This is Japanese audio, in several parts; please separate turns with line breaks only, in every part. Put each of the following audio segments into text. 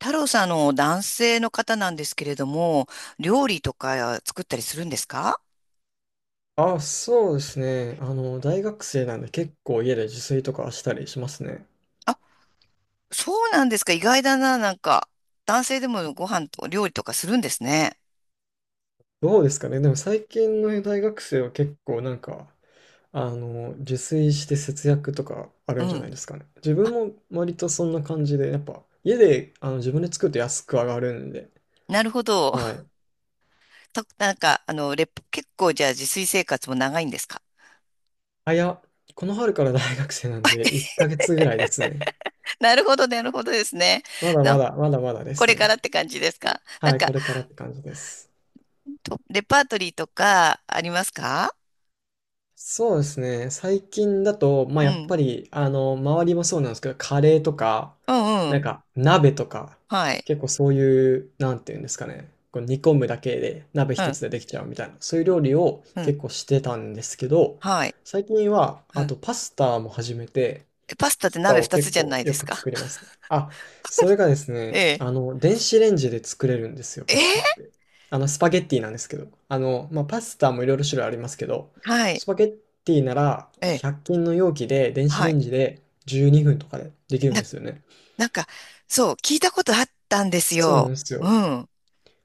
太郎さん、男性の方なんですけれども、料理とか作ったりするんですか？
あ、そうですね。大学生なんで結構家で自炊とかしたりしますね。
あ、そうなんですか。意外だな、なんか。男性でもご飯と料理とかするんですね。
どうですかね。でも最近の大学生は結構なんか、自炊して節約とかあ
う
るんじゃ
ん。
ないですかね。自分も割とそんな感じで、やっぱ家で自分で作ると安く上がるんで。
なるほど。
は い。
なんか、結構じゃあ自炊生活も長いんですか？
あ、いや、この春から大学生なんで1ヶ月ぐらいですね。
なるほど、なるほどですね。
まだま
な、
だ、まだまだで
こ
す
れからっ
ね。
て感じですかなん
はい、こ
か、
れからって感じです。
とレパートリーとかありますか？
そうですね。最近だと、まあ、
う
やっ
ん。
ぱり、周りもそうなんですけど、カレーとか、
うんう
なん
ん。
か、鍋とか、
はい。
結構そういう、なんていうんですかね、こう煮込むだけで、鍋
う
一
ん。
つでできちゃうみたいな、そういう料理を
うん。
結構してたんですけど、
はい。
最近は、
う
あ
ん。
とパスタも始めて、
えパスタって
スパ
鍋
を
二つ
結
じゃな
構
いで
よ
す
く
か。
作りま すね。あ、それがです
え
ね、
え
電子レンジで作れるんですよ、
え
パスタ
ー、
って。スパゲッティなんですけど。まあ、パスタもいろいろ種類ありますけど、
はい。
スパゲッティなら
ええ。
100均の容器で電子
は
レ
い。
ンジで12分とかでできるん
な、
ですよね。
なんか、そう、聞いたことあったんです
そうなん
よ。
です
う
よ。
ん。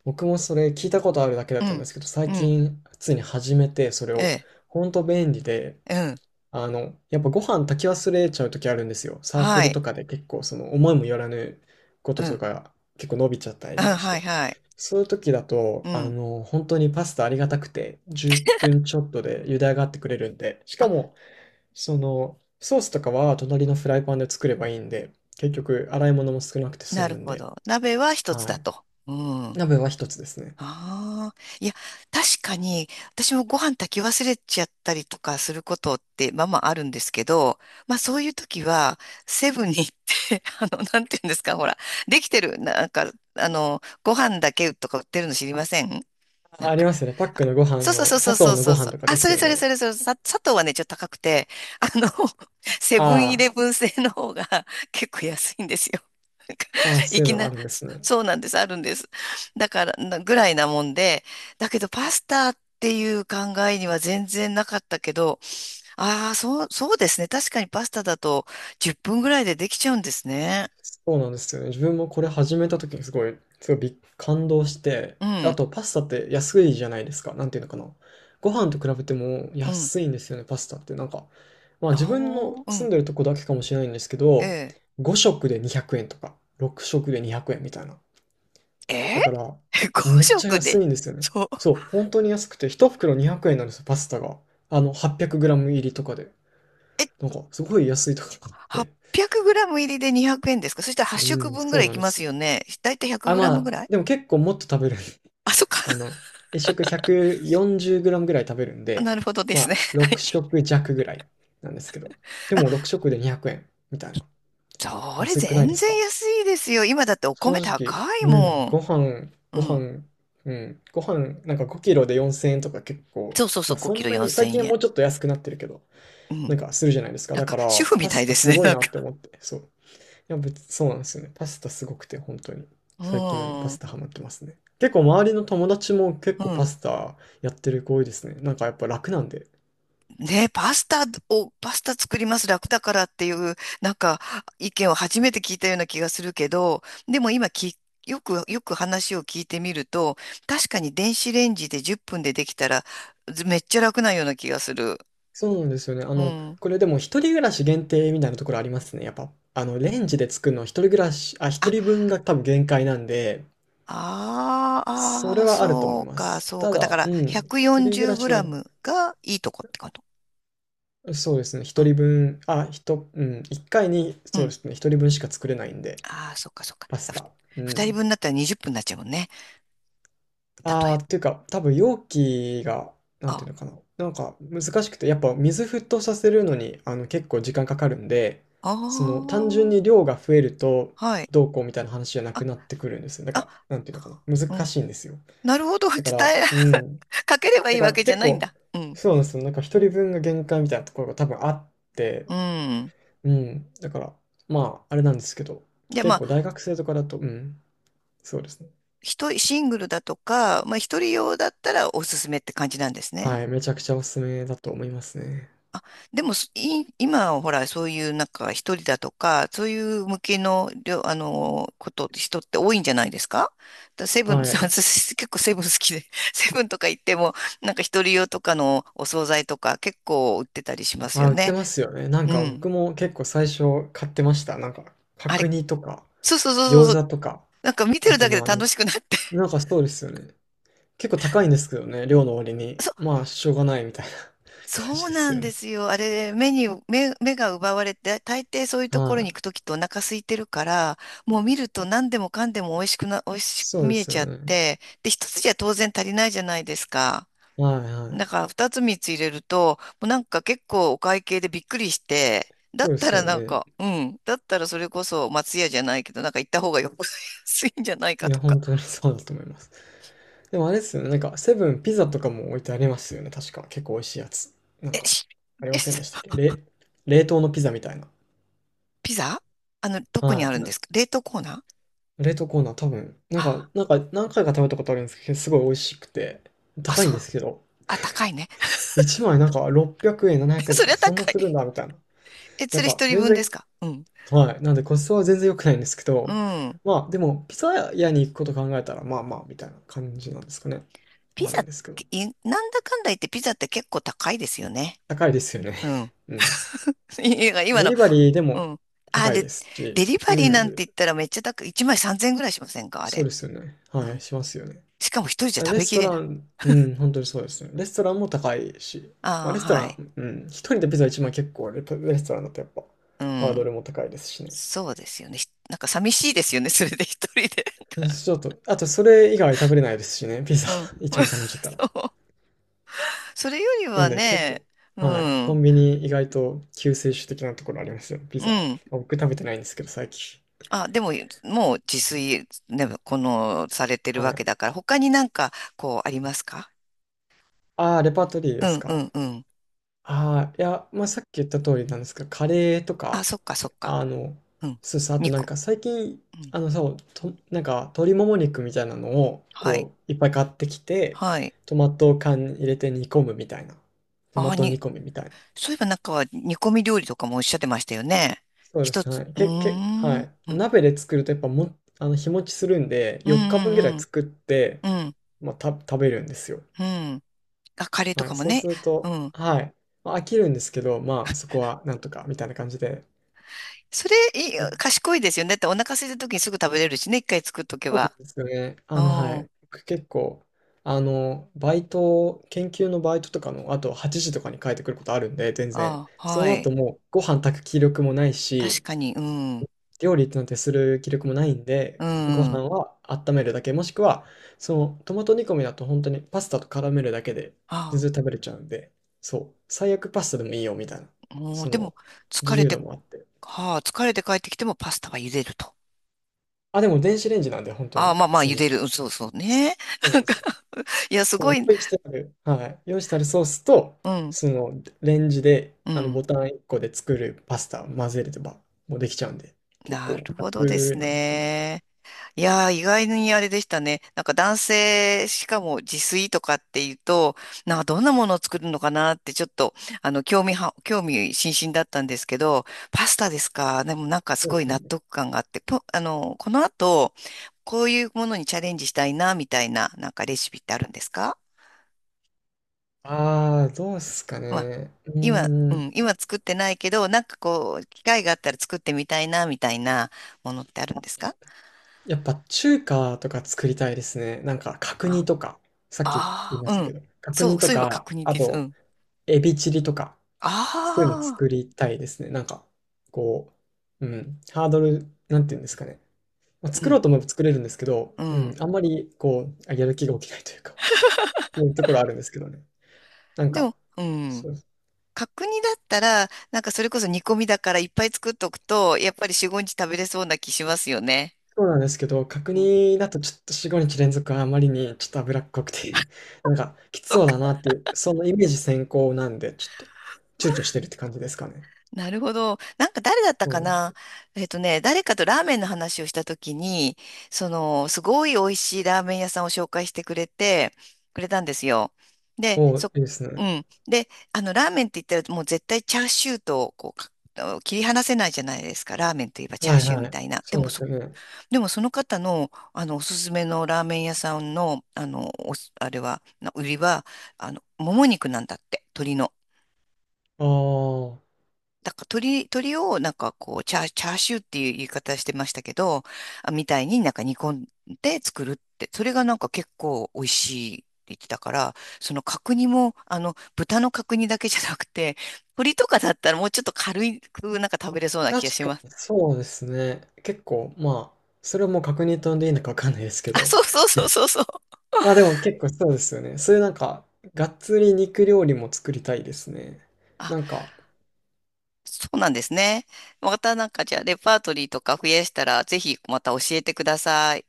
僕もそれ聞いたことあるだけだっ
う
たんで
ん。
すけど、最
うん。
近普通に始めて、それ
え
を、
え。
ほんと便利で、
うん。
やっぱご飯炊き忘れちゃう時あるんですよ。サーク
は
ル
い。
とかで結構その思いもよらぬこと
う
と
ん。
か結構伸びちゃったり
うん、
とかし
はい、
て。
はい。
そういう時だ
う
と、
ん。
本当にパスタありがたくて10分ちょっとで茹で上がってくれるんで、しか
あ、
も、ソースとかは隣のフライパンで作ればいいんで、結局洗い物も少なくて済
なる
むん
ほ
で、
ど。鍋は一つ
は
だ
い。
と。うん。
鍋は一つですね。
ああ、いや、確かに、私もご飯炊き忘れちゃったりとかすることって、まあまああるんですけど、まあそういう時は、セブンに行って、なんていうんですか、ほら、できてる、なんか、ご飯だけとか売ってるの知りません？な
あ、
ん
あり
か
ますよね。パックのご飯
そうそう
の、
そうそ
砂
う
糖
そう
の
そ
ご
うそ
飯
う。
とか
あ、
で
そ
す
れ
よ
それ
ね。
それそれ、砂糖はね、ちょっと高くて、あの、セブンイ
あ
レブン製の方が 結構安いんですよ。なんか
あ、ああ、
い
そういう
き
のあ
な、
るんで
そ
すね。
そうなんです、あるんです。だから、ぐらいなもんで、だけどパスタっていう考えには全然なかったけど、ああ、そう、そうですね。確かにパスタだと10分ぐらいでできちゃうんですね。
そうなんですよね。自分もこれ始めた時にすごい、すごいび感動して、
う
あ
ん、
とパスタって安いじゃないですか。なんていうのかな。ご飯と比べても
うん。
安いんですよね、パスタって。なんか、まあ自
あ
分の
あ、う
住
ん、
んでるとこだけかもしれないんですけ
え
ど、
え。
5食で200円とか、6食で200円みたいな。
ええ
だから、
?5
めっちゃ
食
安
で
いんですよね。
そう。
そう、本当に安くて、1袋200円なんですよ、パスタが。8 0 0ム入りとかで。なんか、すごい安いとかって。
800グラム入りで200円ですか？そしたら8
う
食
ん、
分ぐ
そ
ら
う
いい
なん
き
で
ま
す
す
よ。
よね。だいたい100
あ、
グラ
ま
ムぐ
あ、
らい。
でも結構もっと食べる。
あ、そっか。
あの、1食 140g ぐらい食べるん で、
なるほどで
ま
すね。
あ、
はい。
6食弱ぐらいなんですけど。でも6食で200円みたいな。
それ
安くないで
全
す
然
か？
安いですよ。今だってお
正
米高
直、
い
うん、
も
ご飯、
ん。う
ご
ん。
飯、うん、ご飯、なんか5キロで4000円とか結構、
そうそうそ
ま
う、
あ
5
そ
キ
ん
ロ
なに、
4000
最近はも
円。
うちょっと安くなってるけど、
う
なん
ん。
かするじゃないですか。
なん
だか
か、主
ら、
婦み
パ
た
ス
い
タ
です
す
ね。
ごい
なん
な
か。
って思って、そう。や、別そうなんですよね。パスタすごくて、本当に。
う
最近パス
ん。
タハマってますね。結構周りの友達も結
う
構パ
ん。
スタやってる子多いですね。なんかやっぱ楽なんで。
ね、パスタ作ります楽だからっていう、なんか意見を初めて聞いたような気がするけど、でもよく話を聞いてみると、確かに電子レンジで10分でできたら、ずめっちゃ楽なような気がする。
そうなんですよね。
うん。
これでも一人暮らし限定みたいなところありますね。やっぱ、レンジで作るのは一人暮らし、あ、一
あ、
人分が多分限界なんで、
あ
そ
ーあ
れ
ー、
はあると思い
そう
ま
か、
す。
そう
た
か。だか
だ、う
ら、
ん、一人暮
140
らし
グラ
の、
ムがいいとこってこと。
そうですね、
う
一
ん、
人分、あ、一回に、
う
そうで
ん。
すね、一人分しか作れないんで、
ああ、そっか、そっか。
パスタ。う
二人
ん。
分だったら20分になっちゃうもんね。例
ああ、
え
っていうか、多分容器が、な
ば。
んてい
あ、
うのかな。なんか難しくて、やっぱ水沸騰させるのに、結構時間かかるんで、
あ
単純
あ、
に量が増えると、
はい。
どうこうみたいな話じゃな
あ、
くなってくるんですよ。だか
あ、
ら、なんていうのかな。
う
難
ん。
しいんですよ。
なるほど。
だから、
え、
うん。
かければい
だ
い
か
わ
ら
けじゃ
結
ないん
構、
だ。うん。
そうなんですよ。なんか一人分が限界みたいなところが多分あって、
うん。
うん。だから、まあ、あれなんですけど、
じゃあま
結構大
あ、
学生とかだと、うん。そうですね。
一人、シングルだとか、まあ一人用だったらおすすめって感じなんですね。
はい。めちゃくちゃおすすめだと思いますね。
でも、今ほら、そういうなんか一人だとか、そういう向けの、りょあの、人って多いんじゃないですか？セブン、
はい。
私結構セブン好きで、セブンとか行っても、なんか一人用とかのお惣菜とか結構売ってたりしますよ
あ、売って
ね。
ますよね。なん
う
か
ん。
僕も結構最初買ってました。なんか
あ
角
れ、
煮とか
そうそうそうそ
餃
うそう、
子とか、
なんか見て
あ
る
と
だけで
まあなん
楽
か、
しくなって。
なんかそうですよね。結構高いんですけどね、量の割 に。
そ、
まあしょうがないみたいな 感
そ
じ
う
で
な
す
ん
よ
で
ね。
すよ。あれ、目に、目、目が奪われて、大抵そういうとこ
は
ろに行
い。
くときってお腹空いてるから、もう見ると何でもかんでも美味し
そ
く
うで
見え
すよ
ちゃっ
ね。
て、で、一つじゃ当然足りないじゃないですか。
はいは
だ
い。
から二つ三つ入れると、もうなんか結構お会計でびっくりして、だっ
そうで
た
す
ら
よ
なん
ね。
か、うん、だったらそれこそ松屋じゃないけど、なんか行った方がよく 安いんじゃない
い
かと
や、
か。
本当にそうだと思います。でもあれですよね。なんかセブンピザとかも置いてありますよね。確か結構美味しいやつ。なん
え、
か
し
あり
え、
ませんでしたっけれ冷凍のピザみたいな。
ピザどこに
は
あ
い。
るんで
な
すか冷凍コーナー？
冷凍コーナー多分、なんか、
あ、
なんか何回か食べたことあるんですけど、すごい美味しくて、
あ、
高いん
そう。
ですけど、
あ、高いね。
1枚なんか600円、700円と
そり
か、
ゃ
そんな
高い。
するんだ、みたいな。
え、
な
そ
ん
れ
か、
一人
全
分です
然、
か？うん。
はい。なんでコストは全然良くないんですけ
う
ど、
ん。
まあ、でも、ピザ屋に行くこと考えたら、まあまあ、みたいな感じなんですかね。わ
ピ
かんない
ザ、
んですけど。
なんだかんだ言ってピザって結構高いですよね。
高いですよね。
うん。
うん。
いや
デリバリーで
う
も
ん。あ、
高い
で、
ですし、
デリバ
う
リーなん
ん。
て言ったらめっちゃ高い。1枚3000円ぐらいしませんか？あ
そう
れ。
ですよね。
う
はい。
ん。
しますよね。
しかも一人じゃ食
レ
べ
ス
き
ト
れ
ラ
ない。
ン、うん、本当にそうですね。レストランも高いし、ま
あ
あ、
あ、
レストラ
はい。
ン、うん、一人でピザ1万結構レストランだとやっぱ、
う
ハード
ん。
ルも高いですしね。
そうですよね。なんか寂しいですよね。それで一人で。
うんちょっと、あとそれ以外食べれないですしね、ピザ
うん。
1万 頼んじゃったら。
そう。それより
な
は
んで結
ね、
構、
う
はい、コ
ん。
ンビニ意外と救世主的なところありますよ、ピ
う
ザ。
ん。
僕食べてないんですけど、最近。
あ、でも、もう自炊、ね、この、されてる
は
わけ
い。
だから、他になんか、こう、ありますか？
ああ、レパートリー
う
です
んう
か。
んうん。
ああ、いや、まあ、さっき言った通りなんですけど、カレーと
あ、
か、
そっかそっか。
あの、
うん。
そうです。あと
煮
なん
こ、
か最近、
うん。
そう、と、なんか鶏もも肉みたいなのを、
はい。
いっぱい買ってきて、
はい。
トマト缶に入れて煮込むみたいな。トマ
あ、
ト煮込みみたいな。
そういえばなんか、煮込み料理とかもおっしゃってましたよね。
そうで
一
すね。は
つ、
い。
うー
は
ん。
い。
うん。
鍋で作るとやっぱも、日持ちするんで、
うん
4日分ぐらい
うん
作って、
うん。うん。
まあ、食べるんですよ。
うん、あ、カレーと
は
か
い。
も
そう
ね。
する
う
と、
ん。
はい。まあ、飽きるんですけど、まあ、そこはなんとか、みたいな感じで。
それ、いい賢いですよね。だってお腹空いた時にすぐ食べれるしね。一回作っとけ
そうなん
ば。
ですよね。
う
は
ん。
い。僕結構、バイト、研究のバイトとかの、あと8時とかに帰ってくることあるんで、全然。
あ、
そ
は
の後
い。
もう、ご飯炊く気力もない
確
し、
かに、うん。
料理なんてする気力もないん
う
で、ご
ん。
飯は温めるだけ、もしくは、トマト煮込みだと本当にパスタと絡めるだけで、全
あ
然食べれちゃうんで、そう、最悪パスタでもいいよ、みたいな、
あ、もう、
そ
でも、
の、
疲
自
れ
由度
て、
もあって。
はあ、疲れて帰ってきてもパスタは茹でると。
あ、でも電子レンジなんで、本当
ああ、
に、
まあまあ、茹でる。うん、そうそう
そ
ね。
うな
な
ん
ん
で
か
す。
いや、す
そ
ご
う、
い、
用意してある、はい、用意してあるソースと、
うん、
そのレンジで
う
あの
ん。
ボタン1個で作るパスタを混ぜればもうできちゃうんで、結
な
構
るほどで
楽
す
なんですけど、
ね。いやー、意外にあれでしたね。なんか男性、しかも自炊とかっていうと、なんかどんなものを作るのかなってちょっと、興味津々だったんですけど、パスタですか。でもなんかす
そうで
ごい
す
納
ね。
得感があって、ぽあの、この後、こういうものにチャレンジしたいな、みたいな、なんかレシピってあるんですか？
ああ、どうですか
まあ、
ね。う
今、
ー
う
ん。
ん、今作ってないけど、なんかこう、機会があったら作ってみたいな、みたいなものってあるんですか？
やっぱ中華とか作りたいですね。なんか角
あ、
煮とか、さっき言い
あ
ま
あ、
した
う
け
ん。
ど、角
そ
煮
う、
と
そういえば
か、
確認
あ
です。う
と、
ん。
エビチリとか、そういうの
あ
作
あ、
りたいですね。なんか、こハードル、なんていうんですかね。まあ、
う
作ろう
ん、
と思えば作れるんですけど、
う
う
ん。
ん、あんまりこう、あやる気が起きないというか、そういうところあるんですけどね。なん
で
か、
も、うん。
そう、そ
角煮だったら、なんかそれこそ煮込みだからいっぱい作っとくと、やっぱり4、5日食べれそうな気しますよね。
うなんですけど、角
うん。
煮だとちょっと4、5日連続はあまりにちょっと脂っこくて、なんかきつ
そっ
そう
か。
だなっていう、そのイメージ先行なんで、ちょっと躊躇してるって感じですかね。
なるほど。なんか誰だった
そう
か
なんです
な？
よ。
誰かとラーメンの話をしたときに、その、すごい美味しいラーメン屋さんを紹介してくれて、くれたんですよ。で、
おーいいです
う
ね。
ん。で、ラーメンって言ったらもう絶対チャーシューと、こう、切り離せないじゃないですか。ラーメンといえばチャ
は
ー
い
シュー
は
みた
い。
いな。で
そう
も
ですよね。
でもその方の、あのおすすめのラーメン屋さんの、あのおすあれはな売りはあのもも肉なんだって鶏の。
ああ、
だから鶏をなんかこうチャーシューっていう言い方してましたけど、あ、みたいになんか煮込んで作るってそれがなんか結構美味しいって言ってたから、その角煮もあの豚の角煮だけじゃなくて、鶏とかだったらもうちょっと軽くなんか食べれそうな気が
確
し
か
ます。
にそうですね。結構、まあ、それはもう確認とんでいいのかわかんないですけ
あ、
ど、
そうそうそうそうそう。
あ、でも結構そうですよね。そういうなんか、がっつり肉料理も作りたいですね。
あ、
なんか、
そうなんですね。またなんかじゃあレパートリーとか増やしたら、ぜひまた教えてください。